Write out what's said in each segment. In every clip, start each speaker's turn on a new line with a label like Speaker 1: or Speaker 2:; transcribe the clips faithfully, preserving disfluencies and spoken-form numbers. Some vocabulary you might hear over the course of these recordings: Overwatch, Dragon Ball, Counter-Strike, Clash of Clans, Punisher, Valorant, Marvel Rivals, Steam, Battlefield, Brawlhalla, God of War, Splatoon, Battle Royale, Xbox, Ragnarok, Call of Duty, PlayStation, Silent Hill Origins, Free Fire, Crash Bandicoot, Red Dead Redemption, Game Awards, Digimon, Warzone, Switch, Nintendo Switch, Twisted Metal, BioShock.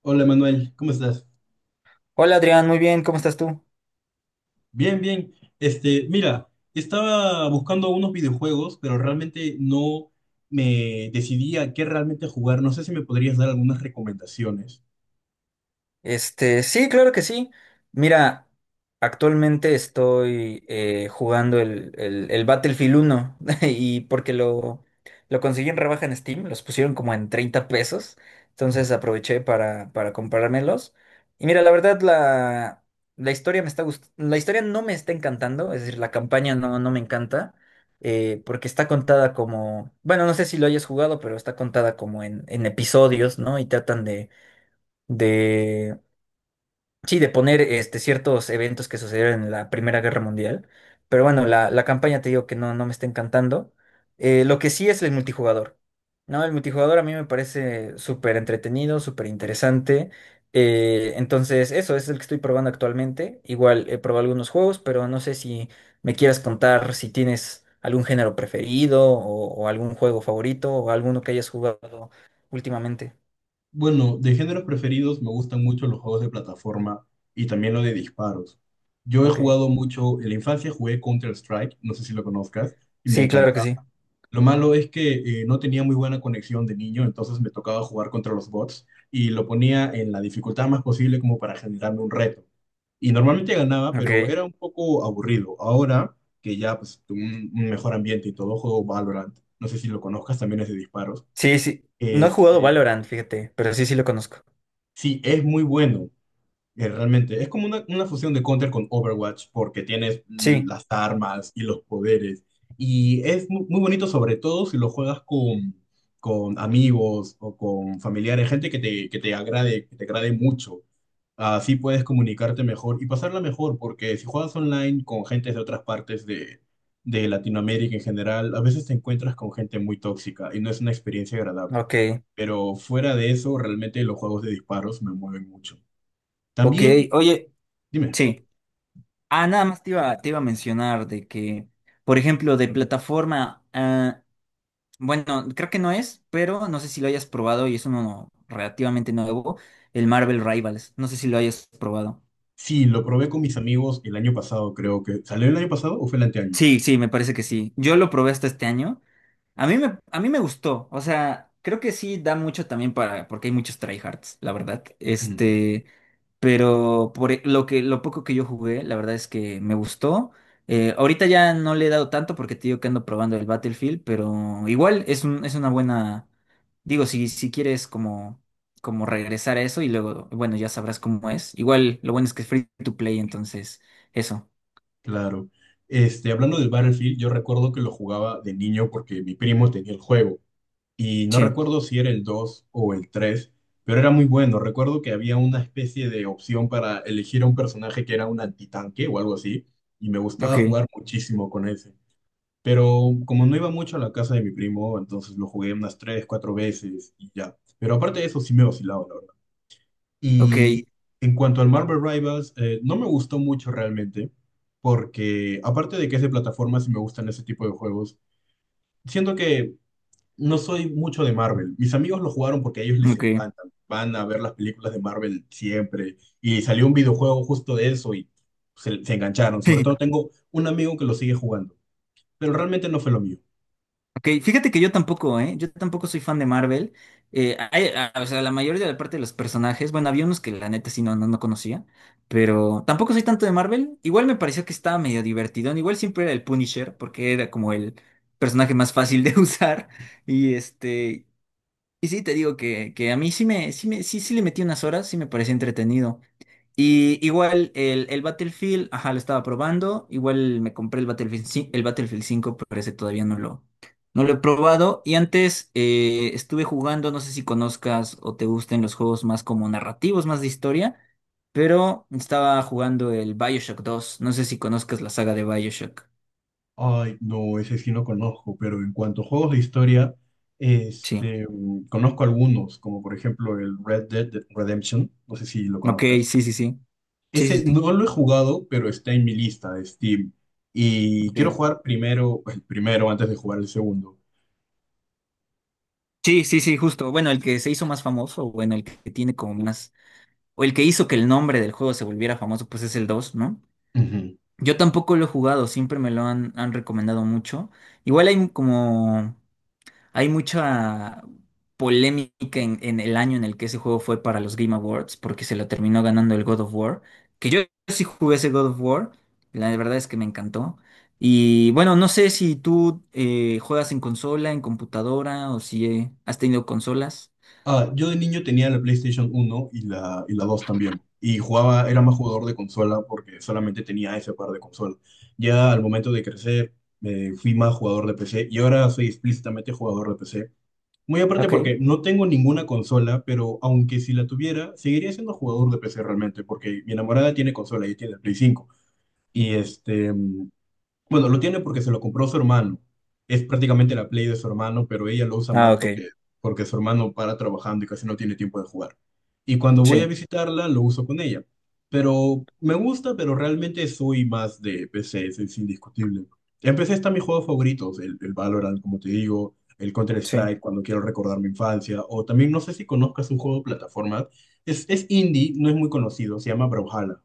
Speaker 1: Hola Manuel, ¿cómo estás?
Speaker 2: Hola Adrián, muy bien, ¿cómo estás tú?
Speaker 1: Bien, bien. Este, mira, estaba buscando unos videojuegos, pero realmente no me decidía a qué realmente jugar. No sé si me podrías dar algunas recomendaciones.
Speaker 2: Este, sí, claro que sí. Mira, actualmente estoy eh, jugando el, el, el Battlefield uno y porque lo, lo conseguí en rebaja en Steam, los pusieron como en treinta pesos,
Speaker 1: Mm.
Speaker 2: entonces aproveché para, para comprármelos. Y mira, la verdad, la, la historia me está gust- la historia no me está encantando, es decir, la campaña no, no me encanta, eh, porque está contada como, bueno, no sé si lo hayas jugado, pero está contada como en, en episodios, ¿no? Y tratan de... de Sí, de poner, este, ciertos eventos que sucedieron en la Primera Guerra Mundial. Pero bueno, la, la campaña te digo que no, no me está encantando. Eh, lo que sí es el multijugador. No, el multijugador a mí me parece súper entretenido, súper interesante. Eh, entonces, eso es el que estoy probando actualmente. Igual he probado algunos juegos, pero no sé si me quieras contar si tienes algún género preferido o, o algún juego favorito o alguno que hayas jugado últimamente.
Speaker 1: Bueno, de géneros preferidos me gustan mucho los juegos de plataforma y también lo de disparos. Yo he
Speaker 2: Ok.
Speaker 1: jugado mucho, en la infancia jugué Counter-Strike, no sé si lo conozcas, y me
Speaker 2: Sí, claro
Speaker 1: encantó.
Speaker 2: que sí.
Speaker 1: Lo malo es que eh, no tenía muy buena conexión de niño, entonces me tocaba jugar contra los bots y lo ponía en la dificultad más posible como para generarme un reto. Y normalmente ganaba, pero
Speaker 2: Ok.
Speaker 1: era un poco aburrido. Ahora que ya pues tuve un, un mejor ambiente y todo, juego Valorant. No sé si lo conozcas, también es de disparos.
Speaker 2: Sí, sí. No he jugado
Speaker 1: Este,
Speaker 2: Valorant, fíjate, pero sí, sí lo conozco.
Speaker 1: sí, es muy bueno. Eh, Realmente, es como una, una fusión de Counter con Overwatch porque tienes
Speaker 2: Sí,
Speaker 1: las armas y los poderes. Y es mu- muy bonito, sobre todo si lo juegas con, con amigos o con familiares, gente que te, que te agrade, que te agrade mucho. Así puedes comunicarte mejor y pasarla mejor porque si juegas online con gente de otras partes de, de Latinoamérica en general, a veces te encuentras con gente muy tóxica y no es una experiencia agradable.
Speaker 2: ok.
Speaker 1: Pero fuera de eso, realmente los juegos de disparos me mueven mucho.
Speaker 2: Ok,
Speaker 1: También
Speaker 2: oye,
Speaker 1: dime.
Speaker 2: sí. Ah, nada más te iba, te iba, a mencionar de que, por ejemplo, de plataforma, ah, bueno, creo que no es, pero no sé si lo hayas probado y es uno relativamente nuevo, el Marvel Rivals. No sé si lo hayas probado.
Speaker 1: Sí, lo probé con mis amigos el año pasado, creo que. ¿Salió el año pasado o fue el anteaño?
Speaker 2: Sí, sí, me parece que sí. Yo lo probé hasta este año. A mí me, a mí me gustó, o sea, creo que sí da mucho también para, porque hay muchos tryhards, la verdad.
Speaker 1: Ujú.
Speaker 2: Este, pero por e- lo que, lo poco que yo jugué, la verdad es que me gustó. Eh, ahorita ya no le he dado tanto porque te digo que ando probando el Battlefield, pero igual es un, es una buena. Digo, si, si quieres como, como regresar a eso y luego, bueno, ya sabrás cómo es. Igual lo bueno es que es free to play, entonces, eso.
Speaker 1: Claro. Este, hablando del Battlefield, yo recuerdo que lo jugaba de niño porque mi primo tenía el juego. Y no
Speaker 2: Sí,
Speaker 1: recuerdo si era el dos o el tres, pero era muy bueno. Recuerdo que había una especie de opción para elegir a un personaje que era un antitanque o algo así. Y me gustaba
Speaker 2: ok,
Speaker 1: jugar muchísimo con ese. Pero como no iba mucho a la casa de mi primo, entonces lo jugué unas tres, cuatro veces y ya. Pero aparte de eso, sí me oscilaba.
Speaker 2: ok,
Speaker 1: Y en cuanto al Marvel Rivals, eh, no me gustó mucho realmente, porque aparte de que es de plataformas y me gustan ese tipo de juegos, siento que no soy mucho de Marvel. Mis amigos lo jugaron porque a ellos les
Speaker 2: ok.
Speaker 1: encantan. Van a ver las películas de Marvel siempre. Y salió un videojuego justo de eso y se, se engancharon. Sobre todo tengo un amigo que lo sigue jugando, pero realmente no fue lo mío.
Speaker 2: Ok, fíjate que yo tampoco, ¿eh? Yo tampoco soy fan de Marvel. Eh, hay- a- o sea, la mayoría de la parte de los personajes, bueno, había unos que la neta sí no, no, no conocía, pero tampoco soy tanto de Marvel. Igual me pareció que estaba medio divertido. Igual siempre era el Punisher, porque era como el personaje más fácil de usar. Y este, y sí te digo que, que a mí sí me, sí me, sí, sí le metí unas horas, sí me parecía entretenido. Y igual el, el Battlefield, ajá, lo estaba probando. Igual me compré el Battlefield, ci- el Battlefield cinco, pero ese todavía no lo, no lo he probado. Y antes eh, estuve jugando, no sé si conozcas o te gusten los juegos más como narrativos, más de historia, pero estaba jugando el BioShock dos. No sé si conozcas la saga de BioShock.
Speaker 1: Ay, no, ese sí no conozco, pero en cuanto a juegos de historia,
Speaker 2: Sí.
Speaker 1: este, mm, conozco algunos, como por ejemplo el Red Dead Redemption, no sé si lo
Speaker 2: Ok,
Speaker 1: conozcas.
Speaker 2: sí, sí, sí. Sí, sí,
Speaker 1: Ese
Speaker 2: sí.
Speaker 1: no lo he jugado, pero está en mi lista de Steam. Y quiero
Speaker 2: Ok.
Speaker 1: jugar primero, el primero antes de jugar el segundo.
Speaker 2: Sí, sí, sí, justo. Bueno, el que se hizo más famoso, bueno, el que tiene como más, o el que hizo que el nombre del juego se volviera famoso, pues es el dos, ¿no?
Speaker 1: Ujú.
Speaker 2: Yo tampoco lo he jugado, siempre me lo han, han, recomendado mucho. Igual hay como, hay mucha polémica en, en el año en el que ese juego fue para los Game Awards, porque se lo terminó ganando el God of War, que yo sí jugué ese God of War, la verdad es que me encantó. Y bueno, no sé si tú eh, juegas en consola, en computadora, o si eh, has tenido consolas.
Speaker 1: Ah, yo de niño tenía la PlayStation uno y la, y la dos también. Y jugaba, era más jugador de consola porque solamente tenía ese par de consolas. Ya al momento de crecer, eh, fui más jugador de P C y ahora soy explícitamente jugador de P C. Muy aparte porque
Speaker 2: Ok.
Speaker 1: no tengo ninguna consola, pero aunque si la tuviera, seguiría siendo jugador de P C realmente porque mi enamorada tiene consola y tiene el Play cinco. Y este, mm, bueno, lo tiene porque se lo compró su hermano. Es prácticamente la Play de su hermano, pero ella lo usa
Speaker 2: Ah,
Speaker 1: más
Speaker 2: ok.
Speaker 1: porque, porque su hermano para trabajando y casi no tiene tiempo de jugar. Y cuando voy a
Speaker 2: Sí,
Speaker 1: visitarla, lo uso con ella. Pero me gusta, pero realmente soy más de P C, eso es indiscutible. En P C están mis juegos favoritos, el, el Valorant, como te digo, el
Speaker 2: sí.
Speaker 1: Counter-Strike, cuando quiero recordar mi infancia, o también no sé si conozcas un juego de plataformas, es, es indie, no es muy conocido, se llama Brawlhalla.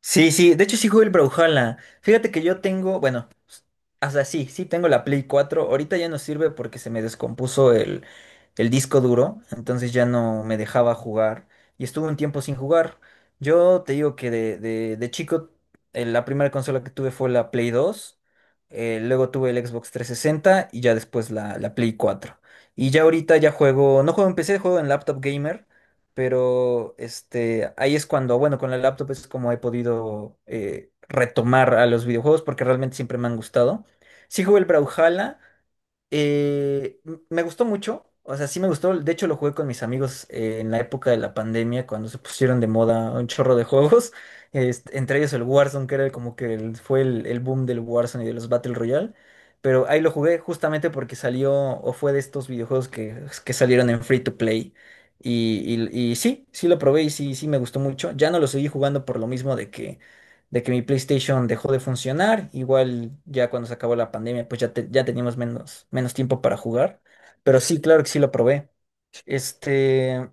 Speaker 2: Sí, sí, de hecho sí jugué el Brawlhalla. Fíjate que yo tengo, bueno, o sea, sí, sí tengo la Play cuatro. Ahorita ya no sirve porque se me descompuso el, el disco duro, entonces ya no me dejaba jugar y estuve un tiempo sin jugar. Yo te digo que de, de, de chico eh, la primera consola que tuve fue la Play dos. Eh, luego tuve el Xbox trescientos sesenta y ya después la, la Play cuatro. Y ya ahorita ya juego, no juego en P C, juego en laptop gamer, pero este, ahí es cuando, bueno, con la laptop es como he podido eh, retomar a los videojuegos porque realmente siempre me han gustado. Sí jugué el Brawlhalla, eh, m- me gustó mucho, o sea, sí me gustó. De hecho, lo jugué con mis amigos eh, en la época de la pandemia, cuando se pusieron de moda un chorro de juegos, este, entre ellos el Warzone, que era como que el- fue el, el boom del Warzone y de los Battle Royale. Pero ahí lo jugué justamente porque salió o fue de estos videojuegos que, que salieron en free to play. Y, y- y sí, sí lo probé y sí, sí me gustó mucho. Ya no lo seguí jugando por lo mismo de que de que mi PlayStation dejó de funcionar. Igual ya cuando se acabó la pandemia, pues ya, te- ya teníamos menos, menos tiempo para jugar. Pero sí, claro que sí lo probé. Este,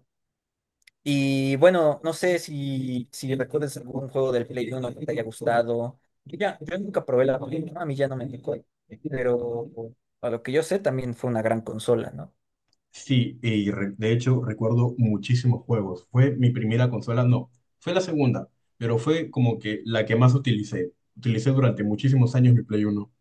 Speaker 2: y bueno, no sé si, si recuerdas algún juego del Play Uno que te haya gustado. Yo, ya, yo nunca probé la Play uno, a mí ya no me tocó. Pero a lo que yo sé, también fue una gran consola, ¿no?
Speaker 1: Sí, y re- de hecho recuerdo muchísimos juegos. Fue mi primera consola, no, fue la segunda, pero fue como que la que más utilicé. Utilicé durante muchísimos años mi Play Uno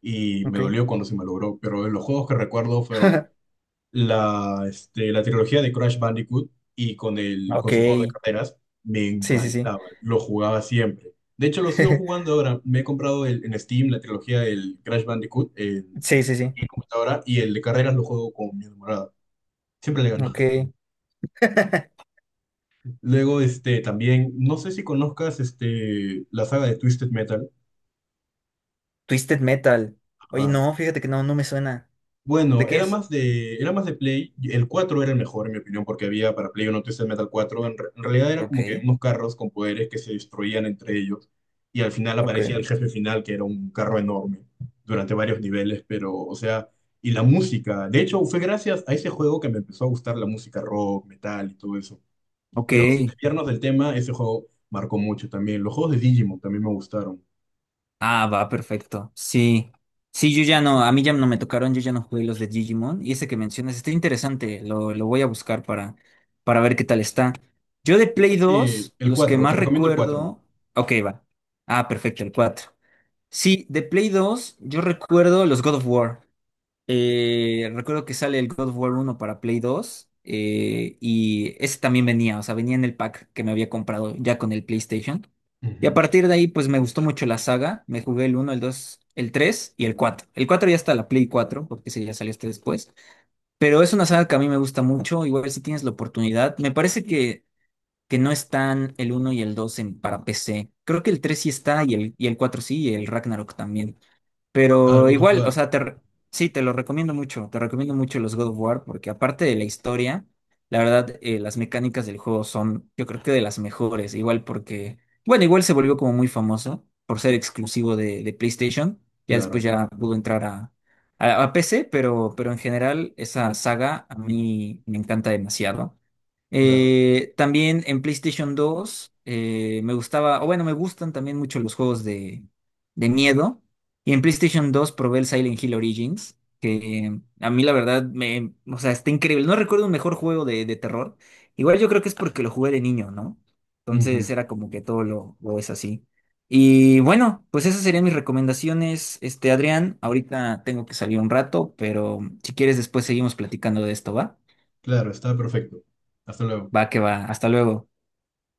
Speaker 1: y me
Speaker 2: Ok.
Speaker 1: dolió cuando se me logró, pero los juegos que recuerdo fueron la, este, la trilogía de Crash Bandicoot y con, el,
Speaker 2: Ok.
Speaker 1: con su juego de carreras, me
Speaker 2: Sí, sí, sí.
Speaker 1: encantaba, lo jugaba siempre. De hecho, lo sigo jugando ahora. Me he comprado el- en Steam la trilogía del Crash Bandicoot en
Speaker 2: Sí, sí, sí.
Speaker 1: computadora y el de carreras lo juego con mi enamorada. Siempre le gano.
Speaker 2: Ok.
Speaker 1: Luego, este, también, no sé si conozcas, este, la saga de Twisted Metal.
Speaker 2: Twisted Metal. Oye,
Speaker 1: Ajá.
Speaker 2: no, fíjate que no, no me suena. ¿De
Speaker 1: Bueno,
Speaker 2: qué
Speaker 1: era
Speaker 2: es?
Speaker 1: más de, era más de Play. El cuatro era el mejor, en mi opinión, porque había para Play uno Twisted Metal cuatro. En, re- en realidad eran
Speaker 2: Ok,
Speaker 1: como que unos carros con poderes que se destruían entre ellos. Y al final
Speaker 2: ok.
Speaker 1: aparecía el jefe final, que era un carro enorme, durante varios niveles, pero, o sea, y la música. De hecho, fue gracias a ese juego que me empezó a gustar la música rock, metal y todo eso.
Speaker 2: Ok.
Speaker 1: Pero sin desviarnos del tema, ese juego marcó mucho también. Los juegos de Digimon también me gustaron.
Speaker 2: Ah, va, perfecto. Sí. Sí, yo ya no, a mí ya no me tocaron, yo ya no jugué los de Digimon. Y ese que mencionas está interesante, lo, lo voy a buscar para, para ver qué tal está. Yo de Play
Speaker 1: Búscate
Speaker 2: dos
Speaker 1: el
Speaker 2: los que
Speaker 1: cuatro, te
Speaker 2: más
Speaker 1: recomiendo el cuatro.
Speaker 2: recuerdo. Ok, va. Ah, perfecto, el cuatro. Sí, de Play dos yo recuerdo los God of War. Eh, recuerdo que sale el God of War uno para Play dos, eh, y ese también venía, o sea, venía en el pack que me había comprado ya con el PlayStation. Y a
Speaker 1: Ujú.
Speaker 2: partir de ahí, pues me gustó mucho la saga. Me jugué el uno, el dos, el tres y el cuatro. El cuatro ya está la Play cuatro porque ese ya salió hasta después. Pero es una saga que a mí me gusta mucho. Igual si tienes la oportunidad. Me parece que, que no están el uno y el dos en, para P C. Creo que el tres sí está y el, y el cuatro sí, y el Ragnarok también.
Speaker 1: Ah, el
Speaker 2: Pero
Speaker 1: God of
Speaker 2: igual, o
Speaker 1: War.
Speaker 2: sea, te re- sí, te lo recomiendo mucho, te recomiendo mucho los God of War porque aparte de la historia, la verdad, eh, las mecánicas del juego son, yo creo que de las mejores, igual porque, bueno, igual se volvió como muy famoso por ser exclusivo de, de PlayStation, ya después
Speaker 1: Claro,
Speaker 2: ya pudo entrar a, a, a P C, pero, pero en general esa saga a mí me encanta demasiado.
Speaker 1: claro.
Speaker 2: Eh, también en PlayStation dos eh, me gustaba, o bueno, me gustan también mucho los juegos de, de miedo. Y en PlayStation dos probé el Silent Hill Origins, que a mí la verdad me, o sea, está increíble. No recuerdo un mejor juego de, de terror. Igual yo creo que es porque lo jugué de niño, ¿no? Entonces
Speaker 1: Ujú.
Speaker 2: era como que todo lo, lo es así. Y bueno, pues esas serían mis recomendaciones, este, Adrián. Ahorita tengo que salir un rato, pero si quieres después seguimos platicando de esto, ¿va?
Speaker 1: Claro, está perfecto. Hasta luego.
Speaker 2: Va que va. Hasta luego.